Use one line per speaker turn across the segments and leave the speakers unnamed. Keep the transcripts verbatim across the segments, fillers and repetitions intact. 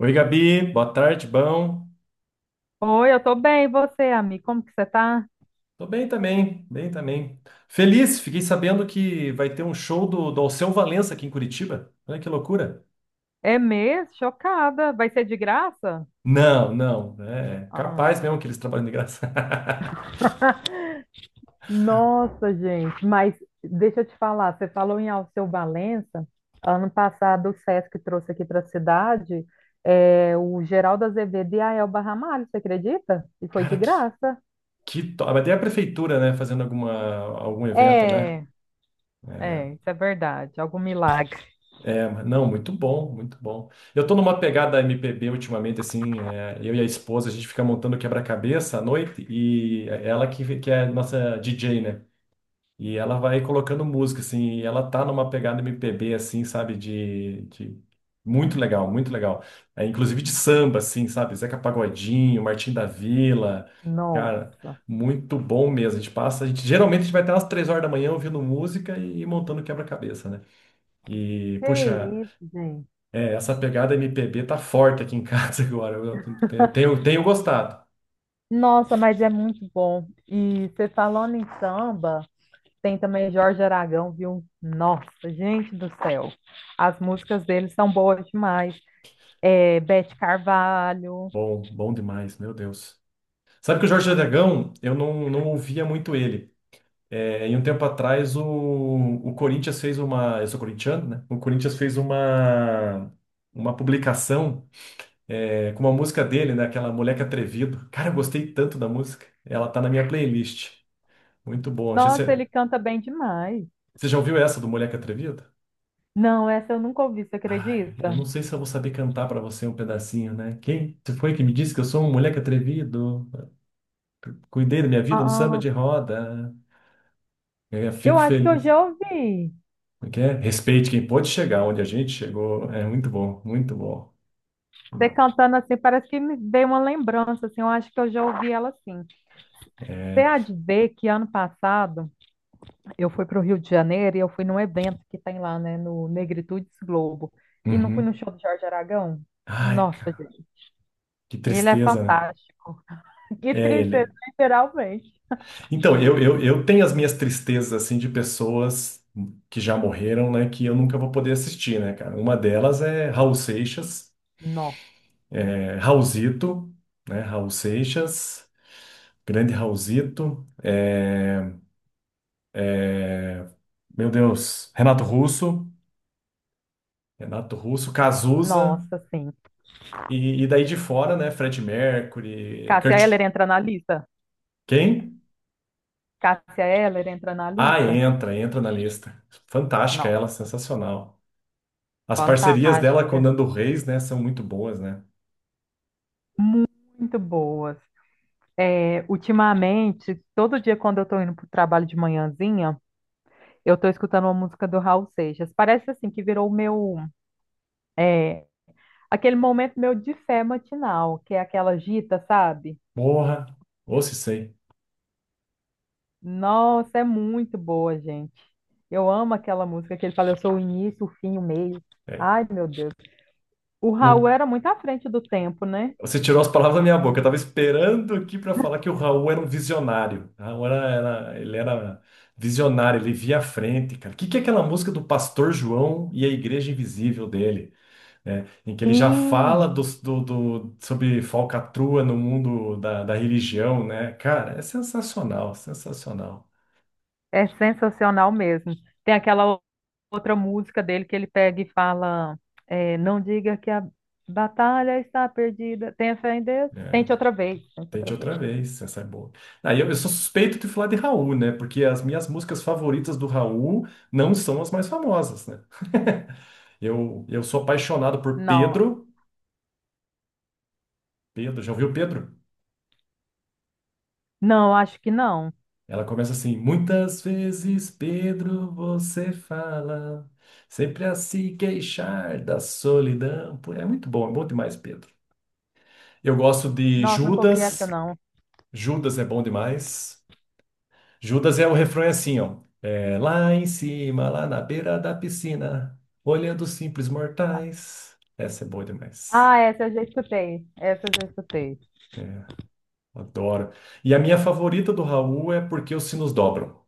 Oi, Gabi, boa tarde, bom.
Oi, eu tô bem, e você, amigo? Como que você tá?
Tô bem também, bem também. Feliz, fiquei sabendo que vai ter um show do, do Alceu Valença aqui em Curitiba. Olha que loucura.
É mesmo? Chocada. Vai ser de graça?
Não, não, é capaz
Ah,
mesmo que eles trabalham de graça.
nossa, gente, mas deixa eu te falar, você falou em Alceu Valença, ano passado o Sesc trouxe aqui para a cidade é, o Geraldo Azevedo e a Elba Ramalho, você acredita? E foi de
Cara, que,
graça.
que top. Mas tem a prefeitura, né, fazendo alguma, algum evento, né?
é, é, isso é verdade. Algum milagre.
É, mas não, muito bom, muito bom. Eu tô numa pegada M P B ultimamente, assim, é, eu e a esposa, a gente fica montando quebra-cabeça à noite e é ela que, que é nossa D J, né? E ela vai colocando música, assim, e ela tá numa pegada M P B, assim, sabe, de, de... Muito legal, muito legal. É, inclusive de samba, assim, sabe, Zeca Pagodinho, Martim da Vila, cara,
Nossa,
muito bom mesmo. A gente passa, a gente, geralmente a gente vai até umas três horas da manhã ouvindo música e montando quebra-cabeça, né? E,
que
puxa,
isso, gente.
é, essa pegada M P B tá forte aqui em casa agora, eu tenho, tenho, tenho gostado.
Nossa, mas é muito bom. E você falando em samba, tem também Jorge Aragão, viu? Nossa, gente do céu. As músicas dele são boas demais. É, Beth Carvalho.
Bom, bom demais, meu Deus. Sabe que o Jorge Aragão, eu não, não ouvia muito ele. É, e um tempo atrás o, o Corinthians fez uma. Eu sou corintiano, né? O Corinthians fez uma, uma publicação é, com uma música dele, né? Aquela Moleque Atrevido. Cara, eu gostei tanto da música. Ela tá na minha playlist. Muito bom. Acho que
Nossa,
Você,
ele canta bem demais.
você já ouviu essa do Moleque Atrevido?
Não, essa eu nunca ouvi, você
Ai,
acredita?
eu não sei se eu vou saber cantar pra você um pedacinho, né? Quem? Você foi que me disse que eu sou um moleque atrevido? Cuidei da minha vida no samba
Ah,
de roda. É, fico
eu acho que eu
feliz.
já ouvi.
Como é que é? Respeite quem pode chegar onde a gente chegou. É muito bom, muito bom, muito
Você
bom.
cantando assim, parece que me veio uma lembrança, assim, eu acho que eu já ouvi ela assim. Você
É,
há de ver que ano passado eu fui para o Rio de Janeiro e eu fui num evento que tem lá, né, no Negritudes Globo. E não fui no
uhum.
show do Jorge Aragão?
Ai,
Nossa,
cara,
gente.
que
Ele é
tristeza, né?
fantástico. Que
É
tristeza,
ele.
literalmente.
Então, eu, eu, eu tenho as minhas tristezas, assim, de pessoas que já morreram, né, que eu nunca vou poder assistir, né, cara? Uma delas é Raul Seixas,
No,
é, Raulzito, né? Raul Seixas, grande Raulzito. Meu Deus, Renato Russo, Renato Russo, Cazuza,
nossa, sim.
e, e daí de fora, né, Fred Mercury,
Cássia
Kurt.
Eller entra na lista?
Quem?
Cássia Eller entra na
Ah,
lista?
entra, entra na lista. Fantástica
Não.
ela, sensacional. As parcerias dela com o
Fantástica,
Nando Reis, né, são muito boas, né?
muito boas. É, ultimamente, todo dia quando eu tô indo pro trabalho de manhãzinha, eu tô escutando uma música do Raul Seixas. Parece assim que virou o meu, é, aquele momento meu de fé matinal, que é aquela gita, sabe?
Porra, ou se sei.
Nossa, é muito boa, gente. Eu amo aquela música que ele fala, eu sou o início, o fim, o meio.
É.
Ai, meu Deus. O Raul
O-
era muito à frente do tempo, né?
Você tirou as palavras da minha boca. Eu tava esperando aqui para falar que o Raul era um visionário. O Raul era, era- ele era visionário, ele via a frente, cara. O que que é aquela música do Pastor João e a Igreja Invisível dele? Né, em que ele já
Sim,
fala dos- do, do- sobre falcatrua no mundo da, da religião, né? Cara, é sensacional, sensacional.
é sensacional mesmo. Tem aquela outra música dele que ele pega e fala, é, não diga que a batalha está perdida. Tenha fé em Deus.
Né?
Tente outra vez, tente
Tente
outra
outra
vez.
vez, essa é boa. Ah, e eu, eu sou suspeito de falar de Raul, né? Porque as minhas músicas favoritas do Raul não são as mais famosas, né? Eu, eu sou apaixonado por
Não,
Pedro. Pedro, já ouviu Pedro?
não, acho que não.
Ela começa assim: muitas vezes, Pedro, você fala, sempre a se queixar da solidão. Pô, é muito bom, é bom demais, Pedro. Eu gosto de
Nossa, nunca ouvi essa,
Judas,
não.
Judas é bom demais. Judas é o refrão é assim, ó. É, lá em cima, lá na beira da piscina, olhando os simples mortais. Essa é boa demais.
Ah, essa eu já escutei. Essa eu já escutei.
É, adoro. E a minha favorita do Raul é Porque os Sinos Dobram.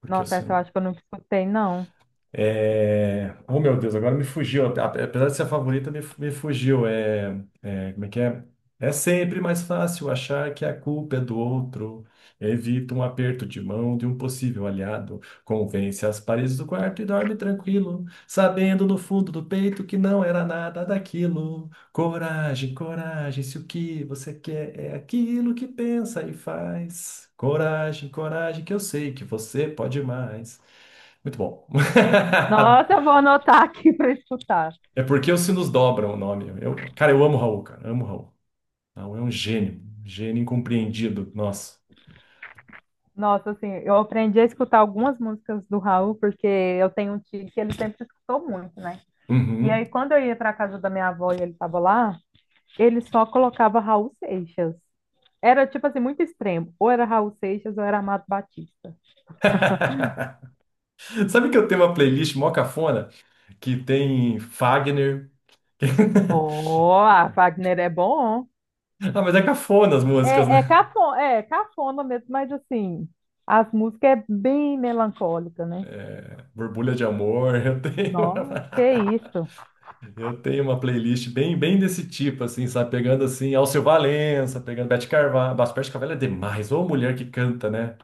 Porque os
Nossa, essa eu
Sinos
acho que eu nunca escutei, não.
É... Oh, meu Deus, agora me fugiu. Ape- Apesar de ser a favorita, me, fu- me fugiu. É... é, como é que é? É sempre mais fácil achar que a culpa é do outro. Evita um aperto de mão de um possível aliado. Convence as paredes do quarto e dorme tranquilo, sabendo no fundo do peito que não era nada daquilo. Coragem, coragem, se o que você quer é aquilo que pensa e faz. Coragem, coragem, que eu sei que você pode mais. Muito bom.
Nossa, eu vou anotar aqui para escutar.
É porque os sinos dobram o nome. Eu, cara, eu amo o Raul, cara. Amo o Raul. O Raul é um gênio. Um gênio incompreendido. Nossa.
Nossa, assim, eu aprendi a escutar algumas músicas do Raul, porque eu tenho um tio que ele sempre escutou muito, né? E
Uhum.
aí, quando eu ia para casa da minha avó e ele estava lá, ele só colocava Raul Seixas. Era, tipo assim, muito extremo. Ou era Raul Seixas ou era Amado Batista.
Sabe que eu tenho uma playlist mó cafona que tem Fagner.
Oh, a Wagner é bom.
Ah, mas é cafona as músicas,
É, é,
né?
cafona, é cafona mesmo, mas assim, as músicas é bem melancólica, né?
Borbulha de Amor. Eu tenho
Nossa,
uma,
que isso.
eu tenho uma playlist bem, bem desse tipo, assim, sabe? Pegando assim Alceu Valença, pegando Beth Carvalho. Nossa, Beth Carvalho é demais. Ou mulher que canta, né?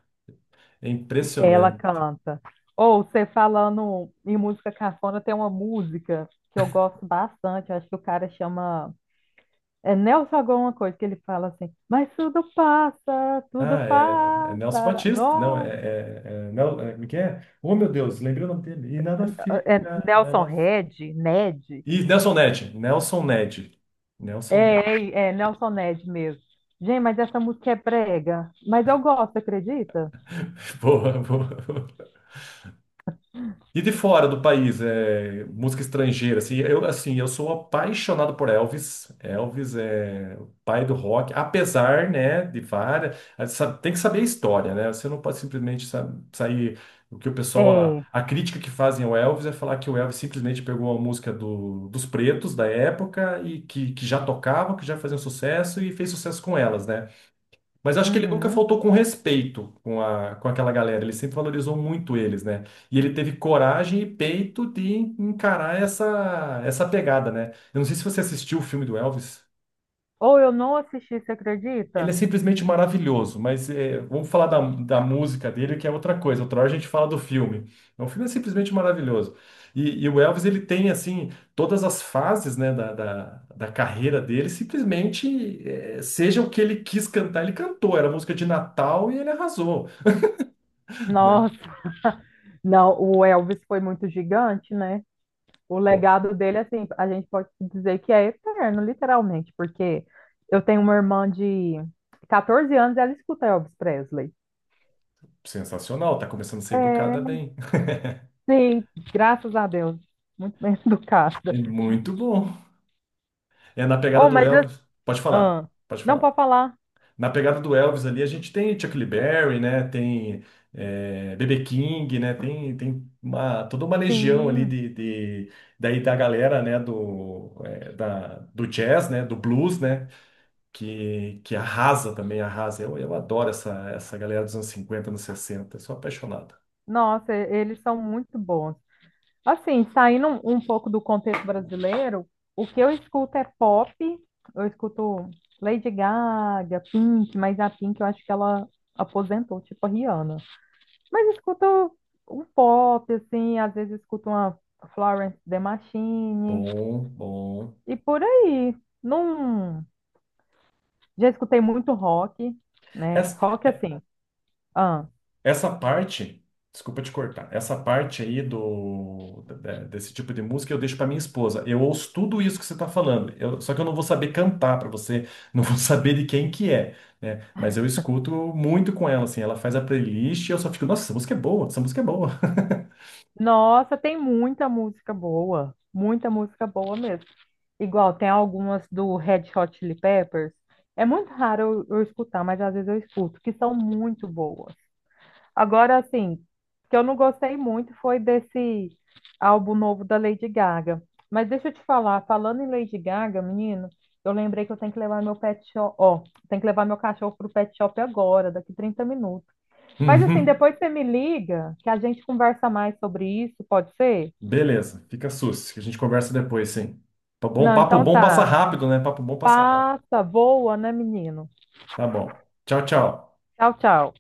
É
Ela
impressionante.
canta. Ou você falando em música cafona, tem uma música que eu gosto bastante. Acho que o cara chama. É Nelson alguma coisa que ele fala assim, mas tudo passa, tudo
Ah, é, é Nelson
passa.
Batista. Não, é,
Nossa,
é, é, Nel- é, como é que é? Oh, meu Deus, lembrei o nome dele. E nada
é
fica,
Nelson
nada. fi-
Red, Ned.
E Nelson Ned. Nelson Ned.
É,
Nelson Ned.
é, é Nelson Ned mesmo. Gente, mas essa música é brega. Mas eu gosto, acredita?
Boa, boa. E de fora do país, é, música estrangeira, assim, eu, assim, eu sou apaixonado por Elvis. Elvis é o pai do rock, apesar, né, de várias... ah, sa- tem que saber a história, né? Você não pode simplesmente sa- sair... O que o pessoal... A,
É.
a crítica que fazem ao Elvis é falar que o Elvis simplesmente pegou a música do- dos pretos da época e que, que já tocavam, que já faziam sucesso e fez sucesso com elas, né? Mas eu acho que ele nunca
Uhum.
faltou com respeito com, a, com aquela galera. Ele sempre valorizou muito eles, né? E ele teve coragem e peito de encarar essa, essa pegada, né? Eu não sei se você assistiu o filme do Elvis.
Ou eu não assisti, você
Ele é
acredita?
simplesmente maravilhoso, mas é, vamos falar da, da música dele, que é outra coisa. Outra hora a gente fala do filme. O filme é simplesmente maravilhoso. E, e o Elvis, ele tem, assim, todas as fases, né, da, da, da carreira dele, simplesmente, é, seja o que ele quis cantar, ele cantou. Era música de Natal e ele arrasou. Né?
Nossa, não, o Elvis foi muito gigante, né? O
Pô,
legado dele, assim, a gente pode dizer que é eterno, literalmente, porque eu tenho uma irmã de catorze anos e ela escuta Elvis Presley.
sensacional, tá começando a ser educada
É,
bem.
sim, graças a Deus. Muito bem educada.
É muito bom. É na pegada
Oh,
do
mas assim,
Elvis. Pode falar,
ah,
pode
não
falar.
pode falar.
Na pegada do Elvis ali, a gente tem Chuck Berry, né? Tem é, B B King, né? Tem, tem uma, toda uma legião ali
Sim,
de, de- daí da galera, né? Do, é, da, do jazz, né? Do blues, né? Que, que arrasa também, arrasa. Eu, eu adoro essa, essa galera dos anos cinquenta, anos sessenta. Eu sou apaixonado.
nossa, e- eles são muito bons. Assim, saindo um, um pouco do contexto brasileiro, o que eu escuto é pop, eu escuto Lady Gaga, Pink, mas a Pink eu acho que ela aposentou, tipo a Rihanna. Mas escuto um pop, assim, às vezes escuto uma Florence and The Machine
Bom, bom.
e por aí. Não, já escutei muito rock, né?
Essa-
Rock assim. Ah,
Essa parte, desculpa te cortar, essa parte aí do da- desse tipo de música eu deixo pra minha esposa. Eu ouço tudo isso que você tá falando, eu- só que eu não vou saber cantar pra você, não vou saber de quem que é, né? Mas eu escuto muito com ela, assim, ela faz a playlist e eu só fico, nossa, essa música é boa, essa música é boa.
nossa, tem muita música boa, muita música boa mesmo. Igual tem algumas do Red Hot Chili Peppers. É muito raro eu, eu escutar, mas às vezes eu escuto, que são muito boas. Agora, assim, o que eu não gostei muito foi desse álbum novo da Lady Gaga. Mas deixa eu te falar, falando em Lady Gaga, menino, eu lembrei que eu tenho que levar meu pet shop, ó, tenho que levar meu cachorro pro pet shop agora, daqui trinta minutos. Mas assim,
Uhum.
depois você me liga, que a gente conversa mais sobre isso, pode ser?
Beleza, fica sus, que a gente conversa depois, sim. Tá bom,
Não,
papo
então
bom passa
tá.
rápido, né? Papo bom passa rápido.
Passa, voa, né, menino?
Tá bom. Tchau, tchau.
Tchau, tchau.